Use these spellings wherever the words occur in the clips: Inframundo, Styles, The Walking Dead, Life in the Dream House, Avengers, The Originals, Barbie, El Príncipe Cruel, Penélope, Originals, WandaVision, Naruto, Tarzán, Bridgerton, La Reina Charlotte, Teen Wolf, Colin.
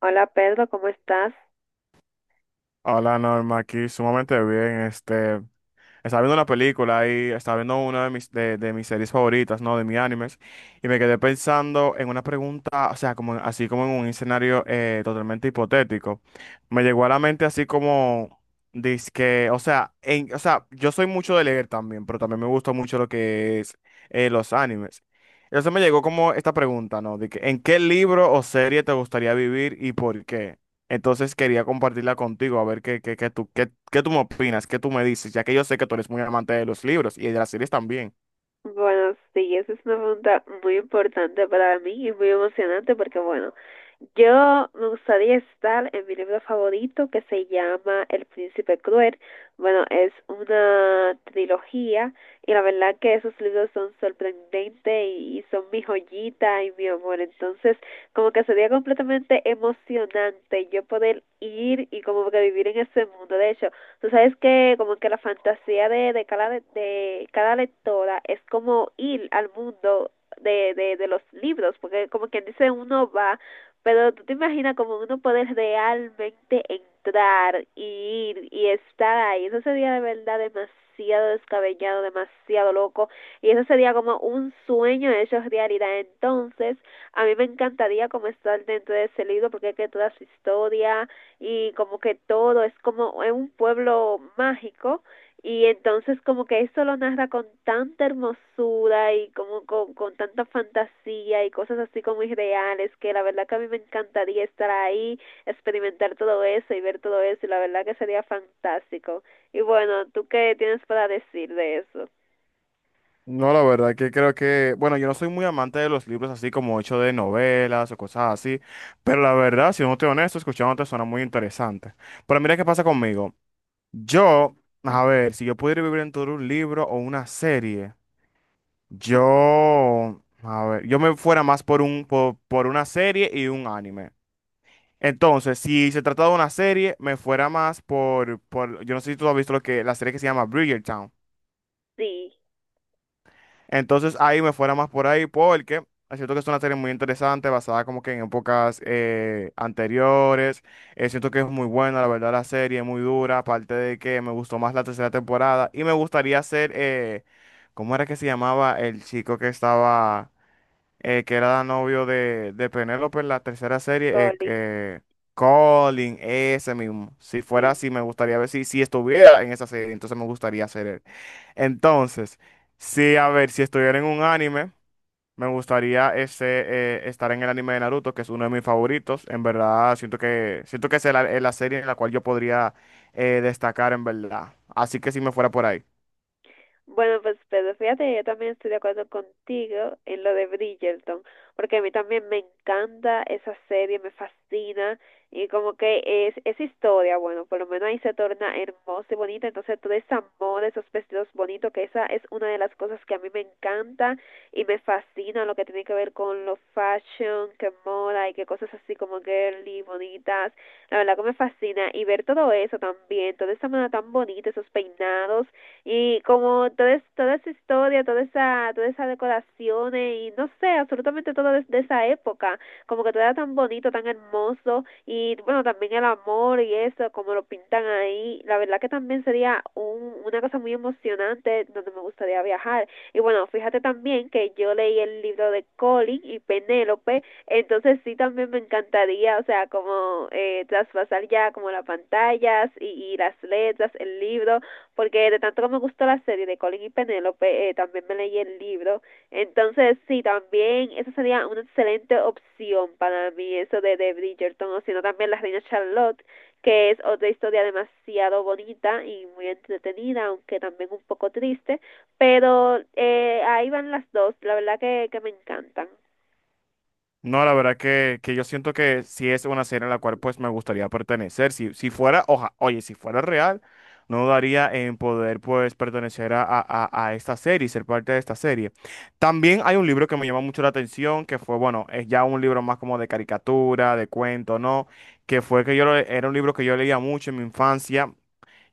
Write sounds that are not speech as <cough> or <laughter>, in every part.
Hola Pedro, ¿cómo estás? Hola Norma, aquí sumamente bien. Estaba viendo una película y estaba viendo una de de mis series favoritas, ¿no? De mis animes. Y me quedé pensando en una pregunta, o sea, como, así como en un escenario totalmente hipotético. Me llegó a la mente así como, dizque, o sea, o sea, yo soy mucho de leer también, pero también me gusta mucho lo que es los animes. Entonces me llegó como esta pregunta, ¿no? De que, ¿en qué libro o serie te gustaría vivir y por qué? Entonces quería compartirla contigo, a ver qué tú me opinas, qué tú me dices, ya que yo sé que tú eres muy amante de los libros y de las series también. Bueno, sí, esa es una pregunta muy importante para mí y muy emocionante porque, bueno, yo me gustaría estar en mi libro favorito que se llama El Príncipe Cruel. Bueno, es una trilogía y la verdad que esos libros son sorprendentes y son mi joyita y mi amor. Entonces, como que sería completamente emocionante yo poder ir y como que vivir en ese mundo. De hecho, tú sabes que como que la fantasía de cada lectora es como ir al mundo de los libros, porque como quien dice, uno va, pero tú te imaginas como uno poder realmente entrar y ir y estar ahí. Eso sería de verdad demasiado descabellado, demasiado loco. Y eso sería como un sueño hecho realidad. Entonces, a mí me encantaría como estar dentro de ese libro, porque es que toda su historia y como que todo es como es un pueblo mágico, y entonces como que esto lo narra con tanta hermosura y como con tanta fantasía y cosas así como irreales, que la verdad que a mí me encantaría estar ahí, experimentar todo eso y ver todo eso, y la verdad que sería fantástico. Y bueno, ¿tú qué tienes para decir de eso? No, la verdad que creo que, bueno, yo no soy muy amante de los libros así como hecho de novelas o cosas así, pero la verdad, si no estoy honesto, escuchándote suena muy interesante. Pero mira qué pasa conmigo. Yo, a ver, si yo pudiera vivir en todo un libro o una serie, yo, a ver, yo me fuera más por por una serie y un anime. Entonces, si se trata de una serie, me fuera más yo no sé si tú has visto la serie que se llama Bridgerton. Sí, Entonces ahí me fuera más por ahí porque es cierto que es una serie muy interesante, basada como que en épocas anteriores. Siento que es muy buena, la verdad, la serie, muy dura, aparte de que me gustó más la tercera temporada y me gustaría ser, ¿cómo era que se llamaba el chico que estaba que era novio de Penélope en la tercera serie, Colin, Colin, ese mismo? Si fuera sí. así, me gustaría ver si, si estuviera en esa serie, entonces me gustaría ser él. Entonces, sí, a ver, si estuviera en un anime, me gustaría ese, estar en el anime de Naruto, que es uno de mis favoritos. En verdad, siento que es la serie en la cual yo podría destacar, en verdad. Así que si me fuera por ahí. Bueno, pues Pedro, fíjate, yo también estoy de acuerdo contigo en lo de Bridgerton, porque a mí también me encanta esa serie, me fascina, y como que es historia, bueno, por lo menos ahí se torna hermosa y bonita, entonces todo ese amor, esos vestidos bonitos, que esa es una de las cosas que a mí me encanta y me fascina lo que tiene que ver con lo fashion, que moda y que cosas así como girly, bonitas, la verdad que me fascina, y ver todo eso también, toda esa moda tan bonita, esos peinados y como toda esa historia, toda esa decoración y no sé, absolutamente todo de esa época, como que todo era tan bonito, tan hermoso y bueno, también el amor y eso, como lo pintan ahí, la verdad que también sería una cosa muy emocionante donde me gustaría viajar. Y bueno, fíjate también que yo leí el libro de Colin y Penélope, entonces sí también me encantaría, o sea, como traspasar ya como las pantallas y las letras, el libro, porque de tanto que me gustó la serie de Colin y Penélope, también me leí el libro. Entonces, sí, también esa sería una excelente opción para mí, eso de Bridgerton, o sino también La Reina Charlotte, que es otra historia demasiado bonita y muy entretenida, aunque también un poco triste, pero ahí van las dos, la verdad que me encantan. No, la verdad que yo siento que si es una serie a la cual pues me gustaría pertenecer. Si, si fuera, oye, si fuera real, no daría en poder pues pertenecer a esta serie, y ser parte de esta serie. También hay un libro que me llama mucho la atención, que fue, bueno, es ya un libro más como de caricatura, de cuento, ¿no? Que fue que yo, era un libro que yo leía mucho en mi infancia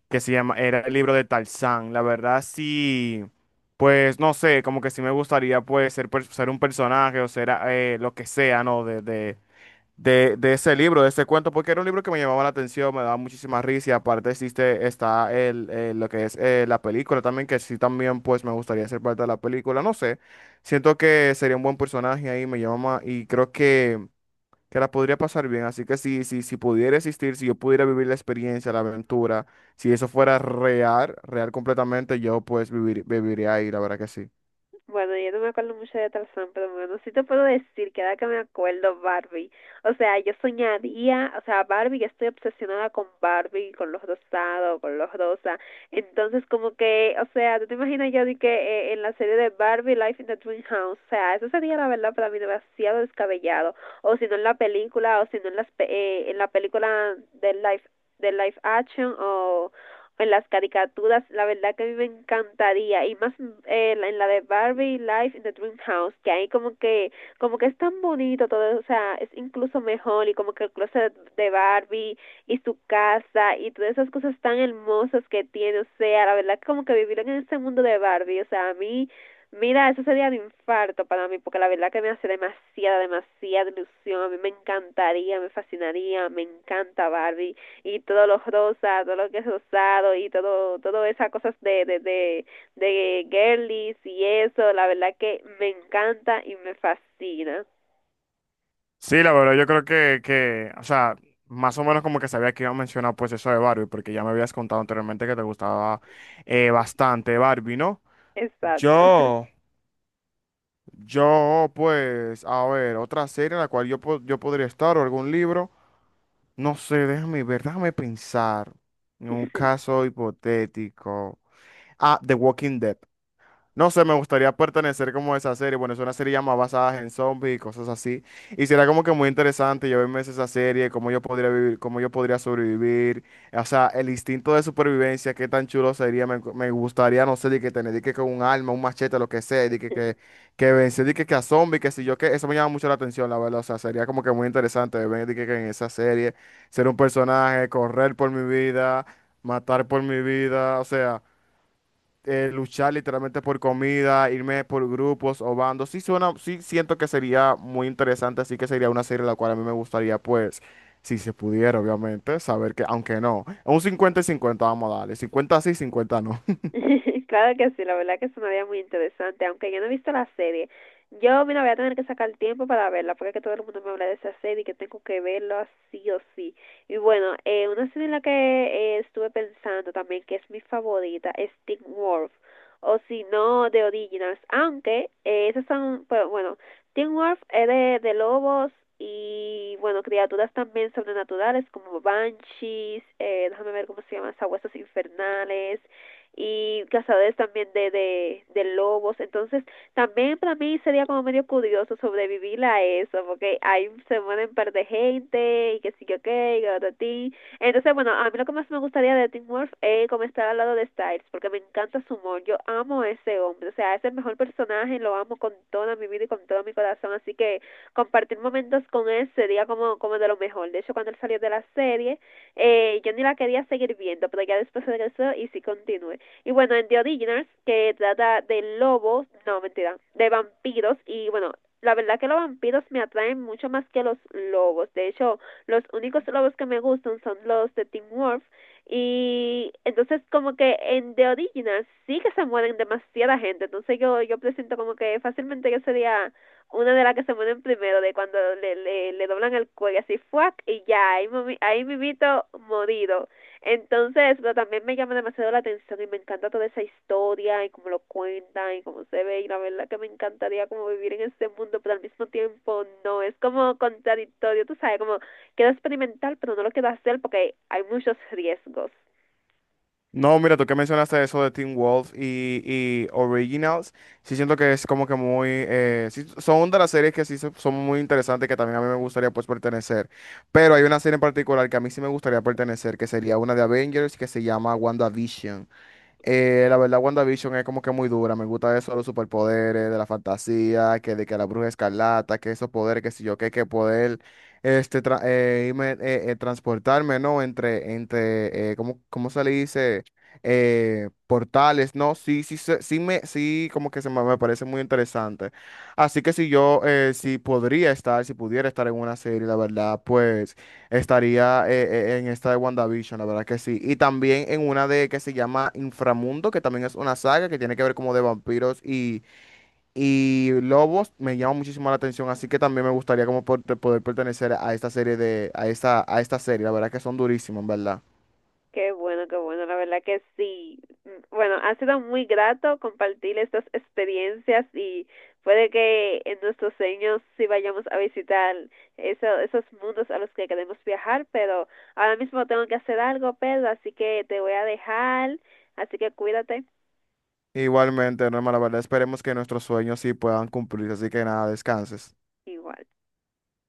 que se llama, era el libro de Tarzán. La verdad sí, pues no sé, como que sí me gustaría pues ser un personaje o ser lo que sea, ¿no? De ese libro, de ese cuento, porque era un libro que me llamaba la atención, me daba muchísima risa y aparte existe, está el, lo que es la película también, que sí también pues me gustaría ser parte de la película, no sé, siento que sería un buen personaje ahí, me llama y creo que la podría pasar bien. Así que si pudiera existir, si yo pudiera vivir la experiencia, la aventura, si eso fuera real, real completamente, yo pues viviría ahí, la verdad que sí. Bueno, yo no me acuerdo mucho de Tarzán, pero bueno, sí te puedo decir que ahora que me acuerdo, Barbie. O sea, yo soñaría, o sea, Barbie, yo estoy obsesionada con Barbie, con los rosados, con los rosa. Entonces, como que, o sea, tú te imaginas yo de que en la serie de Barbie, Life in the Dream House, o sea, eso sería la verdad para mí demasiado descabellado. O si no en la película, o si no en, en la película de Life Action, o pues las caricaturas, la verdad que a mí me encantaría y más, en la de Barbie Life in the Dream House, que ahí como que es tan bonito todo, o sea, es incluso mejor y como que el closet de Barbie y su casa y todas esas cosas tan hermosas que tiene, o sea, la verdad que como que vivir en este mundo de Barbie, o sea, a mí. Mira, eso sería un infarto para mí, porque la verdad que me hace demasiada, demasiada ilusión. A mí me encantaría, me fascinaría, me encanta Barbie y todo lo rosa, todo lo que es rosado y todo, todo esas cosas de girlies y eso, la verdad que me encanta y me fascina. Sí, la verdad, yo creo o sea, más o menos como que sabía que iba a mencionar pues eso de Barbie, porque ya me habías contado anteriormente que te gustaba bastante Barbie, ¿no? Exacto. Yo, pues, a ver, otra serie en la cual yo, yo podría estar o algún libro. No sé, déjame ver, déjame pensar en un <laughs> caso hipotético. Ah, The Walking Dead. No sé, me gustaría pertenecer como a esa serie. Bueno, es una serie ya más basada en zombies y cosas así. Y será como que muy interesante yo verme esa serie, cómo yo podría vivir, cómo yo podría sobrevivir. O sea, el instinto de supervivencia, qué tan chulo sería. Me gustaría, no sé, de que tener de que con un arma, un machete, lo que sea, que vencer, que a zombies, que si yo, que eso me llama mucho la atención, la verdad. O sea, sería como que muy interesante verme que en esa serie, ser un personaje, correr por mi vida, matar por mi vida, o sea luchar literalmente por comida, irme por grupos o bandos. Sí suena, sí siento que sería muy interesante, así que sería una serie la cual a mí me gustaría, pues, si se pudiera, obviamente, saber que, aunque no, un 50 y 50 vamos a darle, 50 sí, 50 no. <laughs> Claro que sí, la verdad que sonaría muy interesante, aunque yo no he visto la serie. Yo, mira, voy a tener que sacar tiempo para verla, porque es que todo el mundo me habla de esa serie y que tengo que verla sí o sí. Y bueno, una serie en la que estuve pensando también, que es mi favorita, es Teen Wolf, o si no, The Originals, aunque esas son, pero bueno, Teen Wolf es de lobos y, bueno, criaturas también sobrenaturales como banshees, déjame ver cómo se llaman, sabuesos infernales y cazadores también de lobos. Entonces, también para mí sería como medio curioso sobrevivir a eso, porque ahí se mueren un par de gente y que sí, que ok, garotín. Entonces, bueno, a mí lo que más me gustaría de Tim Wolf es como estar al lado de Styles, porque me encanta su humor. Yo amo a ese hombre, o sea, es el mejor personaje, lo amo con toda mi vida y con todo mi corazón. Así que compartir momentos con él sería como, como de lo mejor. De hecho, cuando él salió de la serie, yo ni la quería seguir viendo, pero ya después regresó y sí continué. Y bueno, en The Originals, que trata de lobos, no, mentira, de vampiros, y bueno, la verdad que los vampiros me atraen mucho más que los lobos. De hecho, los únicos lobos que me gustan son los de Tim Wolf. Y entonces como que en The Originals sí que se mueren demasiada gente. Entonces yo presento como que fácilmente yo sería una de las que se mueren primero, de cuando le doblan el cuello así, fuck, y ya, ahí, ahí mimito morido. Entonces, pero también me llama demasiado la atención y me encanta toda esa historia y cómo lo cuentan y cómo se ve y la verdad que me encantaría como vivir en este mundo, pero al mismo tiempo no, es como contradictorio, tú sabes, como quiero experimentar, pero no lo quiero hacer porque hay muchos riesgos. No, mira, tú que mencionaste eso de Teen Wolf y Originals, sí siento que es como que muy, sí, son de las series que son muy interesantes que también a mí me gustaría pues pertenecer, pero hay una serie en particular que a mí sí me gustaría pertenecer, que sería una de Avengers que se llama WandaVision. La verdad, WandaVision es como que muy dura. Me gusta eso de los superpoderes, de la fantasía, que de que la bruja escarlata, que esos poderes, que si yo qué, que poder irme, transportarme, ¿no? Entre ¿cómo, cómo se le dice? Portales, ¿no? Sí, como que me parece muy interesante. Así que si podría estar, si pudiera estar en una serie, la verdad, pues. Estaría en esta de WandaVision, la verdad que sí. Y también en una de que se llama Inframundo, que también es una saga que tiene que ver como de vampiros y lobos. Me llama muchísimo la atención, así que también me gustaría como poder pertenecer a esta serie a esta serie. La verdad que son durísimos, en verdad. Qué bueno, la verdad que sí. Mm, bueno, ha sido muy grato compartir estas experiencias y puede que en nuestros sueños sí vayamos a visitar esos mundos a los que queremos viajar, pero ahora mismo tengo que hacer algo, Pedro, así que te voy a dejar, así que cuídate Igualmente, Norma, la verdad esperemos que nuestros sueños sí puedan cumplirse, así que nada, descanses. igual.